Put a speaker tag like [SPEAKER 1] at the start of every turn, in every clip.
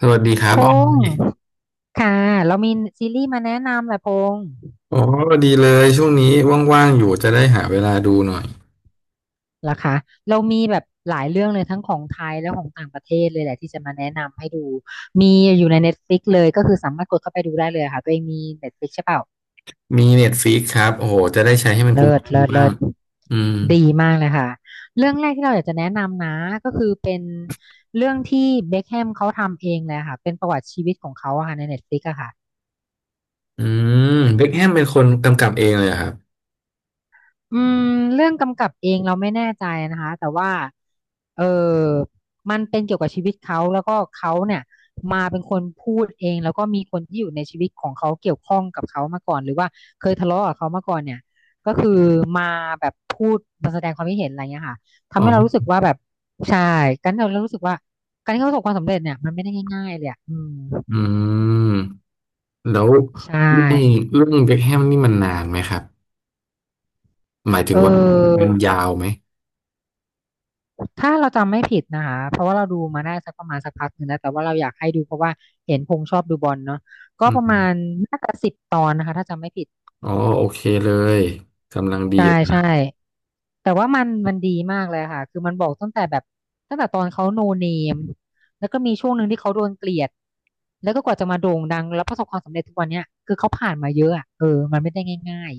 [SPEAKER 1] สวัสดีครั
[SPEAKER 2] พ
[SPEAKER 1] บอ
[SPEAKER 2] ง
[SPEAKER 1] อ
[SPEAKER 2] ษ์
[SPEAKER 1] ย
[SPEAKER 2] ค่ะเรามีซีรีส์มาแนะนำแหละพงษ์
[SPEAKER 1] โอ้ดีเลยช่วงนี้ว่างๆอยู่จะได้หาเวลาดูหน่อย
[SPEAKER 2] เหรอคะเรามีแบบหลายเรื่องเลยทั้งของไทยและของต่างประเทศเลยแหละที่จะมาแนะนำให้ดูมีอยู่ใน Netflix เลยก็คือสามารถกดเข้าไปดูได้เลยค่ะตัวเองมี Netflix ใช่เปล่า
[SPEAKER 1] มีเน็ตฟ i ิกครับโอ้โหจะได้ใช้ให้มันคุ
[SPEAKER 2] เลิศ
[SPEAKER 1] ้ม
[SPEAKER 2] เลิศ
[SPEAKER 1] ๆบ้า
[SPEAKER 2] เลิ
[SPEAKER 1] ง
[SPEAKER 2] ศ
[SPEAKER 1] อืม
[SPEAKER 2] ดีมากเลยค่ะเรื่องแรกที่เราอยากจะแนะนำนะก็คือเป็นเรื่องที่เบ็คแฮมเขาทำเองเลยค่ะเป็นประวัติชีวิตของเขาอะค่ะใน Netflix อะค่ะ
[SPEAKER 1] อืมเบ็คแฮมเป็นคนกำกับเองเลยเหรอครับ
[SPEAKER 2] อืมเรื่องกำกับเองเราไม่แน่ใจนะคะแต่ว่าเออมันเป็นเกี่ยวกับชีวิตเขาแล้วก็เขาเนี่ยมาเป็นคนพูดเองแล้วก็มีคนที่อยู่ในชีวิตของเขาเกี่ยวข้องกับเขามาก่อนหรือว่าเคยทะเลาะกับเขามาก่อนเนี่ยก็คือมาแบบพูดมาแสดงความคิดเห็นอะไรเงี้ยค่ะทำ
[SPEAKER 1] อ๋อ
[SPEAKER 2] ให้เรารู้สึกว่าแบบใช่กันเรารู้สึกว่าการที่เขาประสบความสำเร็จเนี่ยมันไม่ได้ง่ายๆเลยอะอืม
[SPEAKER 1] อืมแล้วเรื
[SPEAKER 2] ใช่
[SPEAKER 1] ่องเบ็คแฮมนี่มันนานไหมครับหมายถึ
[SPEAKER 2] เอ
[SPEAKER 1] งว่ามันยา
[SPEAKER 2] อ
[SPEAKER 1] วไหม
[SPEAKER 2] ถ้าเราจำไม่ผิดนะคะเพราะว่าเราดูมาได้สักประมาณสักพักหนึ่งแล้วแต่ว่าเราอยากให้ดูเพราะว่าเห็นพงษ์ชอบดูบอลเนาะก็
[SPEAKER 1] อื
[SPEAKER 2] ประมา
[SPEAKER 1] ม
[SPEAKER 2] ณน่าจะ10 ตอนนะคะถ้าจำไม่ผิด
[SPEAKER 1] อ๋อโอเคเลยกำลังดี
[SPEAKER 2] ใช่
[SPEAKER 1] เลย
[SPEAKER 2] ใช่
[SPEAKER 1] นะ
[SPEAKER 2] แต่ว่ามันดีมากเลยค่ะคือมันบอกตั้งแต่แบบตั้งแต่ตอนเขาโนเนมแล้วก็มีช่วงหนึ่งที่เขาโดนเกลียดแล้วก็กว่าจะมาโด่งดังแล้วประสบความสำเร็จทุกวันเนี้ยคือเขาผ่านมาเยอะอะเออมันไม่ได้ง่าย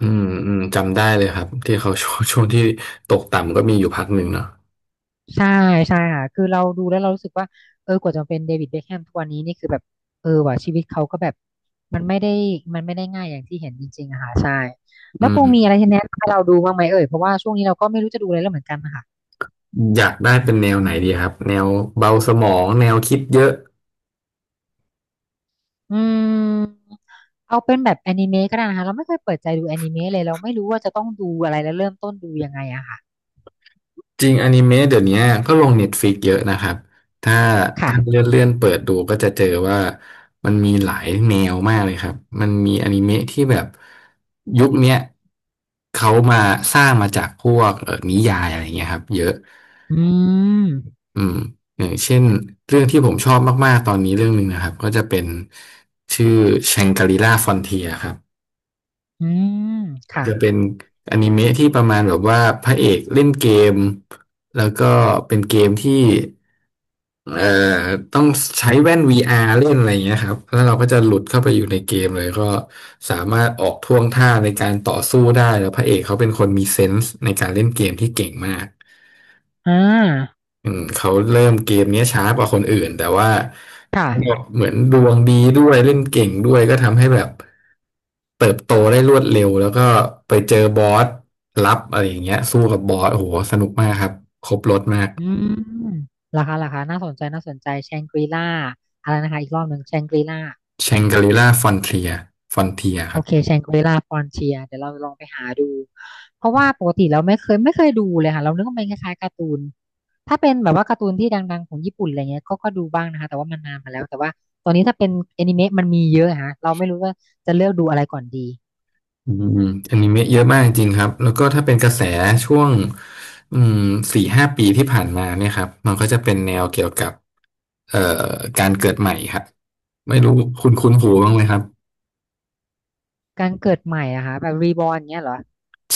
[SPEAKER 1] อืมอืมจำได้เลยครับที่เขา ช่วงที่ตกต่ำก็มีอยู่พักหนึ่งเนาะ
[SPEAKER 2] ใช่ใช่ค่ะคือเราดูแล้วเรารู้สึกว่าเออกว่าจะมาเป็นเดวิดเบคแฮมทุกวันนี้นี่คือแบบเออว่ะชีวิตเขาก็แบบมันไม่ได้มันไม่ได้ง่ายอย่างที่เห็นจริงๆอะค่ะใช่
[SPEAKER 1] อื
[SPEAKER 2] แล้วพงมี
[SPEAKER 1] ม
[SPEAKER 2] อะไรที่แนะนำให้เราดูบ้างไหมเอ่ยเพราะว่าช่วงนี้เราก็ไม่รู้จะดูอะไรแล้วเหมือนกันนะคะ
[SPEAKER 1] อยากได้เป็นแนวไหนดีครับแนวเบาสมองแนวคิดเยอะ
[SPEAKER 2] อืมเอาเป็นแบบแอนิเมะก็ได้นะคะเราไม่เคยเปิดใจดูแอนิเมะเลยเราไม่รู้ว่าจะต้องดูอะไรแล้วเริ่มต้นดูยังไงอะค่ะ
[SPEAKER 1] จริงอนิเมะเดี๋ยวนี้ก็ลงเน็ตฟ i ิกเยอะนะครับถ้าถ้าเลื่
[SPEAKER 2] ค่ะ
[SPEAKER 1] อนเลื่อนเปิดดูก็จะเจอว่ามันมีหลายแนวมากเลยครับมันมีอนิเมะที่แบบยุคเนี้ยเขามาสร้างมาจากพวกนิยายอะไรเงี้ยครับเยอะ
[SPEAKER 2] อืม
[SPEAKER 1] อืมอย่างเช่นเรื่องที่ผมชอบมากๆตอนนี้เรื่องหนึ่งนะครับก็จะเป็นชื่อแชงกรีล่าฟอนเทียครับ
[SPEAKER 2] อืม
[SPEAKER 1] อาจ
[SPEAKER 2] ค่ะ
[SPEAKER 1] จะเป็นอนิเมะที่ประมาณแบบว่าพระเอกเล่นเกมแล้วก็เป็นเกมที่เอ่อต้องใช้แว่น VR เล่นอะไรอย่างเงี้ยครับแล้วเราก็จะหลุดเข้าไปอยู่ในเกมเลยก็สามารถออกท่วงท่าในการต่อสู้ได้แล้วพระเอกเขาเป็นคนมีเซนส์ในการเล่นเกมที่เก่งมาก
[SPEAKER 2] อ่า
[SPEAKER 1] อืมเขาเริ่มเกมเนี้ยช้ากว่าคนอื่นแต่ว่าก็
[SPEAKER 2] ค่ะ
[SPEAKER 1] เหมือนดวงดีด้วยเล่นเก่งด้วยก็ทำให้แบบเติบโตได้รวดเร็วแล้วก็ไปเจอบอสลับอะไรอย่างเงี้ยสู้กับบอสโอ้โหสนุกมากครับครบรถมาก
[SPEAKER 2] อืมราคาราคาน่าสนใจ น่าสนใจแชงกรีล่าอะไรนะคะ อีกรอบหนึ่งแชงกรีล่า
[SPEAKER 1] แชงกรีล่าฟอนเทียค
[SPEAKER 2] โอ
[SPEAKER 1] รับ
[SPEAKER 2] เคแชงกรีล่าฟอนเทียเดี๋ยวเราลองไปหาดู เพราะว่าปกติเราไม่เคยดูเลยค่ะ เรานึกว่ามันคล้ายๆการ์ตูน ถ้าเป็นแบบว่าการ์ตูนที่ดังๆของญี่ปุ่นอะไรเงี้ยก็ก็ดูบ้างนะคะ แต่ว่ามันนานมาแล้ว แต่ว่าตอนนี้ถ้าเป็นแอนิเมะมันมีเยอะฮะเราไม่รู้ว่าจะเลือกดูอะไรก่อนดี
[SPEAKER 1] อืมอนิเมะเยอะมากจริงครับแล้วก็ถ้าเป็นกระแสช่วงอืมสี่ห้าปีที่ผ่านมาเนี่ยครับมันก็จะเป็นแนวเกี่ยวกับเอ่อการเกิดใหม่ครับไม่รู้คุณคุ้นหูบ้างไหมครับ
[SPEAKER 2] การเกิดใหม่อะค่ะแบบรีบอร์นเงี้ยเหรอ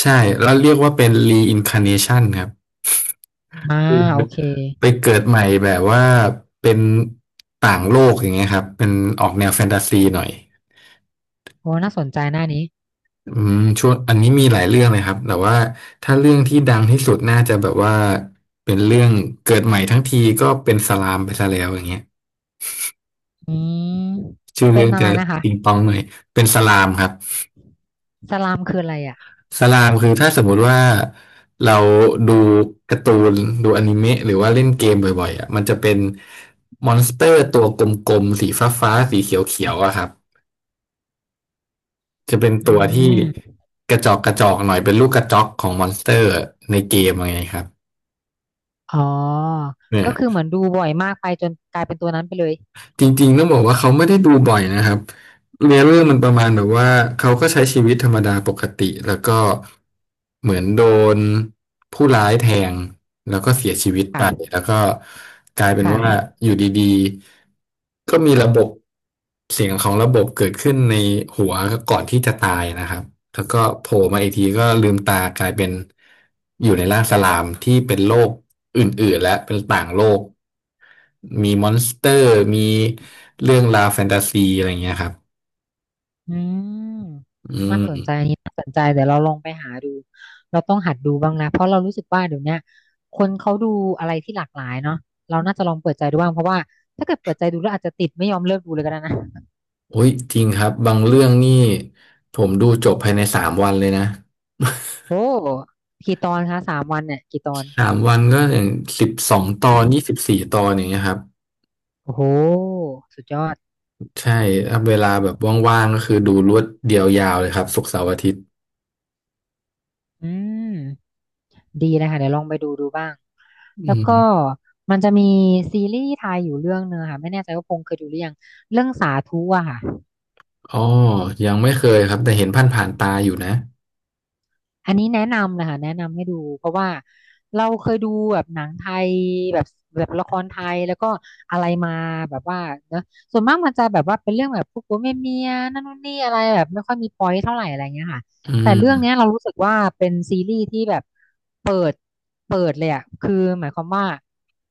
[SPEAKER 1] ใช่แล้วเรียกว่าเป็น reincarnation ครับ
[SPEAKER 2] อ่า
[SPEAKER 1] คือ
[SPEAKER 2] โอเค
[SPEAKER 1] ไปเกิดใหม่แบบว่าเป็นต่างโลกอย่างเงี้ยครับเป็นออกแนวแฟนตาซีหน่อย
[SPEAKER 2] โอ้น่าสนใจหน้านี้
[SPEAKER 1] อืมช่วงอันนี้มีหลายเรื่องเลยครับแต่ว่าถ้าเรื่องที่ดังที่สุดน่าจะแบบว่าเป็นเรื่องเกิดใหม่ทั้งทีก็เป็นสลามไปซะแล้วอย่างเงี้ย
[SPEAKER 2] อืม
[SPEAKER 1] ชื่อ
[SPEAKER 2] เป็
[SPEAKER 1] เรื่
[SPEAKER 2] น
[SPEAKER 1] อง
[SPEAKER 2] อะไร
[SPEAKER 1] จะ
[SPEAKER 2] นะคะ
[SPEAKER 1] ปิงปองหน่อยเป็นสลามครับ
[SPEAKER 2] สลามคืออะไรอ่ะ
[SPEAKER 1] สลามคือถ้าสมมุติว่าเราดูการ์ตูนดูอนิเมะหรือว่าเล่นเกมบ่อยๆอ่ะมันจะเป็นมอนสเตอร์ตัวกลมๆสีฟ้าๆสีเขียวๆอะครับจะเป็น
[SPEAKER 2] อื
[SPEAKER 1] ตัวที่
[SPEAKER 2] ม
[SPEAKER 1] กระจอกกระจอกหน่อยเป็นลูกกระจอกของมอนสเตอร์ในเกมอะไรเงี้ยครับ
[SPEAKER 2] อ๋อก็คือเหมือนดูบ่อยมากไปจนกลายเป็นตัวนั้นไปเลย
[SPEAKER 1] จริงๆต้องบอกว่าเขาไม่ได้ดูบ่อยนะครับ เนื้อเรื่เองมันประมาณแบบว่าเขาก็ใช้ชีวิตธรรมดาปกติแล้วก็เหมือนโดนผู้ร้ายแทงแล้วก็เสียชีวิตไป
[SPEAKER 2] ค่ะ
[SPEAKER 1] แล้วก็กลายเป็นว่า
[SPEAKER 2] ค่ะ
[SPEAKER 1] อยู่ดีๆก็มีระบบเสียงของระบบเกิดขึ้นในหัวก่อนที่จะตายนะครับแล้วก็โผล่มาอีกทีก็ลืมตากลายเป็นอยู่ในร่างสลามที่เป็นโลกอื่นๆและเป็นต่างโลกมีมอนสเตอร์มีเรื่องราวแฟนตาซีอะไรอย่างเงี้ยครับ
[SPEAKER 2] อืม
[SPEAKER 1] อื
[SPEAKER 2] น่า
[SPEAKER 1] ม
[SPEAKER 2] สนใจอันนี้น่าสนใจเดี๋ยวเราลองไปหาดู เราต้องหัดดูบ้างนะเพราะเรารู้สึกว่าเดี๋ยวเนี้ยคนเขาดูอะไรที่หลากหลายเนาะเราน่าจะลองเปิดใจดูบ้างเพราะว่าถ้าเกิดเปิดใจดูแล้วอาจจะติดไม่ยอมเลิกดูเลยก็ได้นะ
[SPEAKER 1] โอ้ยจริงครับ บางเรื่องนี่ผมดูจบภายในสามวันเลยนะ
[SPEAKER 2] โอ้กี่ตอนคะ3 วันเนี่ยกี่ตอน
[SPEAKER 1] สามวันก็อย่างสิบสองตอนยี่สิบสี่ตอนอย่างเงี้ยครับ
[SPEAKER 2] โอ้โหสุดยอด
[SPEAKER 1] ใช่ถ้าเวลาแบบว่างๆก็คือดูรวดเดียวยาวเลยครับศุกร์เสาร์อาทิตย์
[SPEAKER 2] อืมดีนะคะเดี๋ยวลองไปดูดูบ้าง
[SPEAKER 1] อื
[SPEAKER 2] แล้ว
[SPEAKER 1] ม
[SPEAKER 2] ก็มันจะมีซีรีส์ไทยอยู่เรื่องเนึงอะค่ะไม่แน่ใจว่าพงษ์เคยดูหรือยังเรื่องสาธุอะค่ะ
[SPEAKER 1] อ๋อ ยังไม่เคยครับแต่เห็นผ่านตาอยู่นะ
[SPEAKER 2] อันนี้แนะนำเลยค่ะแนะนำให้ดูเพราะว่าเราเคยดูแบบหนังไทยแบบแบบละครไทยแล้วก็อะไรมาแบบว่าเนอะส่วนมากมันจะแบบว่าเป็นเรื่องแบบพวกผัวเมียเมียนั่นนู่นนี่อะไรแบบไม่ค่อยมีพอยต์เท่าไหร่อะไรเงี้ยค่ะ
[SPEAKER 1] อื
[SPEAKER 2] แต่เรื่อง
[SPEAKER 1] ม
[SPEAKER 2] เนี้ยเรารู้สึกว่าเป็นซีรีส์ที่แบบเปิดเปิดเลยอะคือหมายความว่า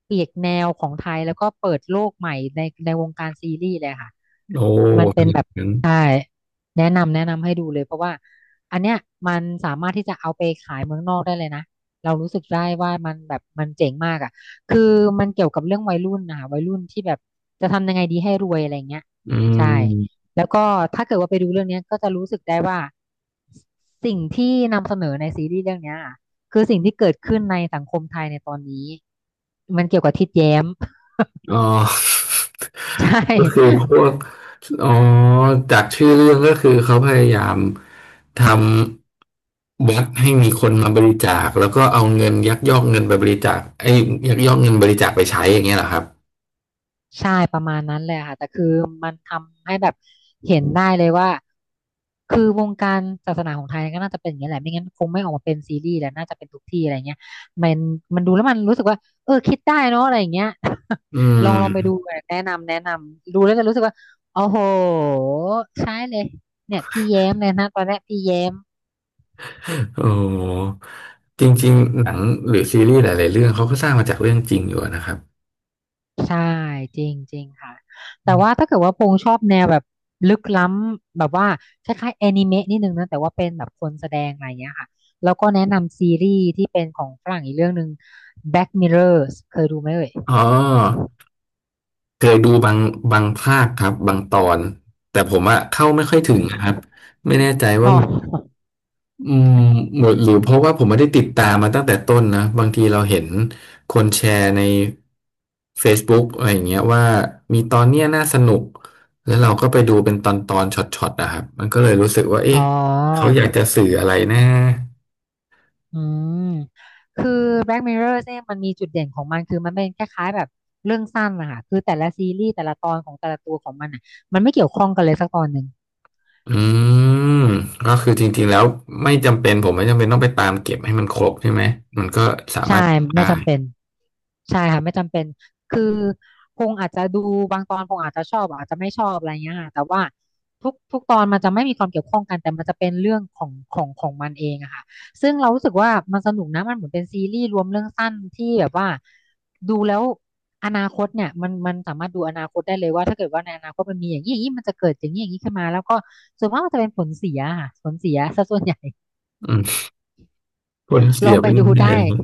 [SPEAKER 2] เปลี่ยนแนวของไทยแล้วก็เปิดโลกใหม่ในในวงการซีรีส์เลยค่ะ
[SPEAKER 1] โอ้
[SPEAKER 2] มันเป็น
[SPEAKER 1] นึก
[SPEAKER 2] แบบ
[SPEAKER 1] ถึง
[SPEAKER 2] ใช่แนะนำให้ดูเลยเพราะว่าอันเนี้ยมันสามารถที่จะเอาไปขายเมืองนอกได้เลยนะเรารู้สึกได้ว่ามันแบบมันเจ๋งมากอ่ะคือมันเกี่ยวกับเรื่องวัยรุ่นนะคะวัยรุ่นที่แบบจะทำยังไงดีให้รวยอะไรเงี้ย
[SPEAKER 1] อื
[SPEAKER 2] ใช่
[SPEAKER 1] ม
[SPEAKER 2] แล้วก็ถ้าเกิดว่าไปดูเรื่องเนี้ยก็จะรู้สึกได้ว่าสิ่งที่นำเสนอในซีรีส์เรื่องเนี้ยอะคือสิ่งที่เกิดขึ้นในสังคมไทยในตอนนี้มันเกี่ยวกับทิดแย้ม
[SPEAKER 1] อ๋อ
[SPEAKER 2] ใช่
[SPEAKER 1] ก็คือพวกอ๋อจากชื่อเรื่องก็คือเขาพยายามทำวัดให้มีคนมาบริจาคแล้วก็เอาเงินยักยอกเงินไปบริจาคไอ้ยยักยอกเงินบริจาคไปใช้อย่างเงี้ยเหรอครับ
[SPEAKER 2] ใช่ประมาณนั้นเลยค่ะแต่คือมันทำให้แบบเห็นได้เลยว่าคือวงการศาสนาของไทยก็น่าจะเป็นอย่างนี้แหละไม่งั้นคงไม่ออกมาเป็นซีรีส์แหละน่าจะเป็นทุกที่อะไรเงี้ยมันมันดูแล้วมันรู้สึกว่าเออคิดได้เนาะอะไรอย่างเงี้ย
[SPEAKER 1] อื
[SPEAKER 2] ลอง
[SPEAKER 1] ม
[SPEAKER 2] ลองไปดูเลยแนะนำดูแล้วจะรู้สึกว่าโอ้โหใช่เลยเนี่ยพี่แย้มเลยนะตอนแรกพี่แย้ม
[SPEAKER 1] โอ้จริงๆหนังหรือซีรีส์หลายๆเรื่องเขาก็สร้างมาจากเรื่องจริงอยู่นะครับ
[SPEAKER 2] ใช่จริงจริงค่ะแต่ว่าถ้าเกิดว่าพงษ์ชอบแนวแบบลึกล้ำแบบว่าคล้ายๆแอนิเมะนิดนึงนะแต่ว่าเป็นแบบคนแสดงอะไรเงี้ยค่ะแล้วก็แนะนำซีรีส์ที่เป็นของฝรั่งอีกเรื่องหนึ่ง Black Mirrors เคยดูไหมเอ่ย
[SPEAKER 1] อ๋อเคยดูบางภาคครับบางตอนแต่ผมอะเข้าไม่ค่อยถึงนะครับไม่แน่ใจว่า
[SPEAKER 2] อ๋อ
[SPEAKER 1] มัน อืมหมดหรือเพราะว่าผมไม่ได้ติดตามมาตั้งแต่ต้นนะบางทีเราเห็นคนแชร์ใน Facebook อะไรอย่างเงี้ยว่ามีตอนเนี้ยน่าสนุกแล้วเราก็ไปดูเป็นตอนช็อตๆนะครับมันก็เลยรู้สึกว่า
[SPEAKER 2] อ๋
[SPEAKER 1] เอ๊ะ
[SPEAKER 2] อ
[SPEAKER 1] เขาอยากจะสื่ออะไรนะ
[SPEAKER 2] อืมคือ Black Mirror เนี่ยมันมีจุดเด่นของมันคือมันเป็นคล้ายๆแบบเรื่องสั้นนะคะคือแต่ละซีรีส์แต่ละตอนของแต่ละตัวของมันอ่ะมันไม่เกี่ยวข้องกันเลยสักตอนหนึ่ง
[SPEAKER 1] อืมก็คือจริงๆแล้วไม่จำเป็นผมไม่จำเป็นต้องไปตามเก็บให้มันครบใช่ไหมมันก็สา
[SPEAKER 2] ใช่
[SPEAKER 1] มารถได้
[SPEAKER 2] ไม่จำเป็น ใช่ค่ะไม่จำเป็นคือพงอาจจะดูบางตอนพงอาจจะชอบอาจจะไม่ชอบอะไรเงี้ยค่ะแต่ว่าทุกตอนมันจะไม่มีความเกี่ยวข้องกันแต่มันจะเป็นเรื่องของมันเองอะค่ะซึ่งเรารู้สึกว่ามันสนุกนะมันเหมือนเป็นซีรีส์รวมเรื่องสั้นที่แบบว่าดูแล้วอนาคตเนี่ยมันสามารถดูอนาคตได้เลยว่าถ้าเกิดว่าในอนาคตมันมีอย่างนี้อย่างนี้มันจะเกิดอย่างนี้อย่างนี้ขึ้นมาแล้วก็ส่วนมากมันจะเป็นผลเสียค่ะผลเสียซะส่วนใหญ่
[SPEAKER 1] อืมคน
[SPEAKER 2] ล
[SPEAKER 1] เสี
[SPEAKER 2] อ
[SPEAKER 1] ย
[SPEAKER 2] ง
[SPEAKER 1] ไป
[SPEAKER 2] ไปดู
[SPEAKER 1] เรื่อ
[SPEAKER 2] ได้
[SPEAKER 1] ยๆเลยครับ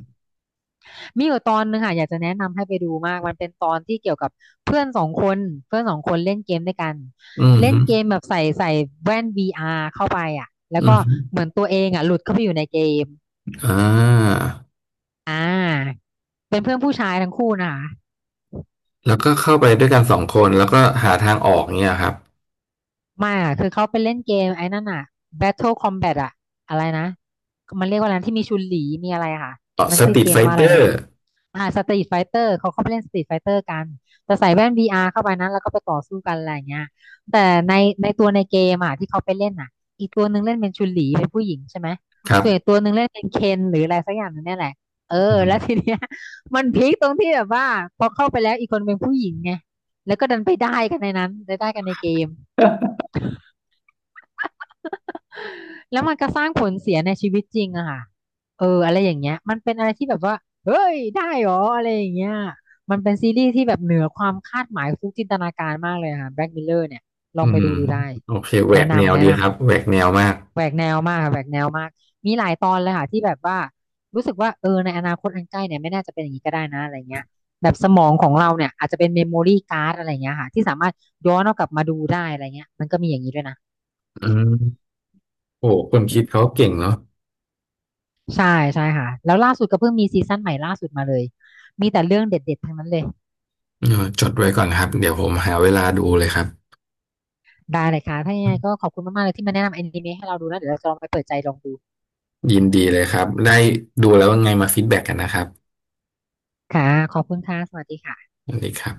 [SPEAKER 2] มีอยู่ตอนหนึงค่ะอยากจะแนะนำให้ไปดูมากมันเป็นตอนที่เกี่ยวกับเพื่อนสองคนเพื่อนสองคนเล่นเกมด้วยกัน
[SPEAKER 1] อืม
[SPEAKER 2] เล่
[SPEAKER 1] ฮึ
[SPEAKER 2] นเกมแบบใส่แว่น VR เข้าไปอ่ะแล้
[SPEAKER 1] อื
[SPEAKER 2] ว
[SPEAKER 1] ม
[SPEAKER 2] ก็
[SPEAKER 1] ฮึ
[SPEAKER 2] เหมือนตัวเองอ่ะหลุดเข้าไปอยู่ในเกม
[SPEAKER 1] อ่า
[SPEAKER 2] อ่าเป็นเพื่อนผู้ชายทั้งคู่นะคะ
[SPEAKER 1] แล้วก็เข้าไปด้วยกันสองคนแล้วก็หาทางออกเนี่ยครับ
[SPEAKER 2] ไม่อ่ะคือเขาไปเล่นเกมไอ้นั่นอ่ะ Battle Combat อ่ะอะไรนะมันเรียกว่าอะไรนะที่มีชุนหลีมีอะไรอะค่ะ
[SPEAKER 1] ต่อ
[SPEAKER 2] มัน
[SPEAKER 1] ส
[SPEAKER 2] ชื่
[SPEAKER 1] ต
[SPEAKER 2] อ
[SPEAKER 1] รี
[SPEAKER 2] เก
[SPEAKER 1] ทไฟ
[SPEAKER 2] มว่า
[SPEAKER 1] เต
[SPEAKER 2] อะไร
[SPEAKER 1] อ
[SPEAKER 2] นะ
[SPEAKER 1] ร์
[SPEAKER 2] อ่าสตรีทไฟเตอร์เขาเข้าไปเล่นสตรีทไฟเตอร์กันแต่ใส่แว่นวีอาร์เข้าไปนั้นแล้วก็ไปต่อสู้กันอะไรอย่างเงี้ยแต่ในในตัวในเกมอ่ะที่เขาไปเล่นอ่ะอีกตัวหนึ่งเล่นเป็นชุนหลีเป็นผู้หญิงใช่ไหม
[SPEAKER 1] ครับ
[SPEAKER 2] ส่วนอีกตัวหนึ่งเล่นเป็นเคนหรืออะไรสักอย่างหนึงเนี่ยแหละเออ
[SPEAKER 1] อื
[SPEAKER 2] แล้
[SPEAKER 1] ม
[SPEAKER 2] วทีเนี้ย มันพีคตรงที่แบบว่าพอเข้าไปแล้วอีกคนเป็นผู้หญิงไงแล้วก็ดันไปได้กันในนั้นได้กันในเกม แล้วมันก็สร้างผลเสียในชีวิตจริงอะค่ะเอออะไรอย่างเงี้ยมันเป็นอะไรที่แบบว่าเฮ้ยได้เหรออะไรอย่างเงี้ยมันเป็นซีรีส์ที่แบบเหนือความคาดหมายฟุกจินตนาการมากเลยค่ะแบล็กมลเลอร์เนี่ยลอ
[SPEAKER 1] อื
[SPEAKER 2] งไป
[SPEAKER 1] ม
[SPEAKER 2] ดูดูได้
[SPEAKER 1] โอเคแหว
[SPEAKER 2] แนะ
[SPEAKER 1] กแนว
[SPEAKER 2] นำแนะ
[SPEAKER 1] ดี
[SPEAKER 2] น
[SPEAKER 1] ครับแหวกแนวมาก
[SPEAKER 2] ำแหวกแนวมากค่ะแหวกแนวมากมีหลายตอนเลยค่ะที่แบบว่ารู้สึกว่าเออในอนาคตอันใกล้เนี่ยไม่น่าจะเป็นอย่างนี้ก็ได้นะอะไรเงี้ยแบบสมองของเราเนี่ยอาจจะเป็นเมมโมรี่การ์ดอะไรเงี้ยค่ะที่สามารถย้อนเอากลับมาดูได้อะไรเงี้ยมันก็มีอย่างนี้ด้วยนะ
[SPEAKER 1] อืมโอ้คนคิดเขาเก่งเนาะ
[SPEAKER 2] ใช่ใช่ค่ะแล้วล่าสุดก็เพิ่งมีซีซั่นใหม่ล่าสุดมาเลยมีแต่เรื่องเด็ดๆ ทั้งนั้นเลย
[SPEAKER 1] เออจดไว้ก่อนครับเดี๋ยวผมหาเวลาดูเลยครับ
[SPEAKER 2] ได้เลยค่ะถ้ายังไงก็ขอบคุณมากๆเลยที่มาแนะนำอนิเมะให้เราดูแล้วเดี๋ยวเราจะลองไปเปิดใจลองดู
[SPEAKER 1] ยินดีเลยครับได้ดูแล้วว่าไงมาฟีดแบ็กกันนะครับ
[SPEAKER 2] ค่ะขอบคุณค่ะสวัสดีค่ะ
[SPEAKER 1] สวัสดีครับ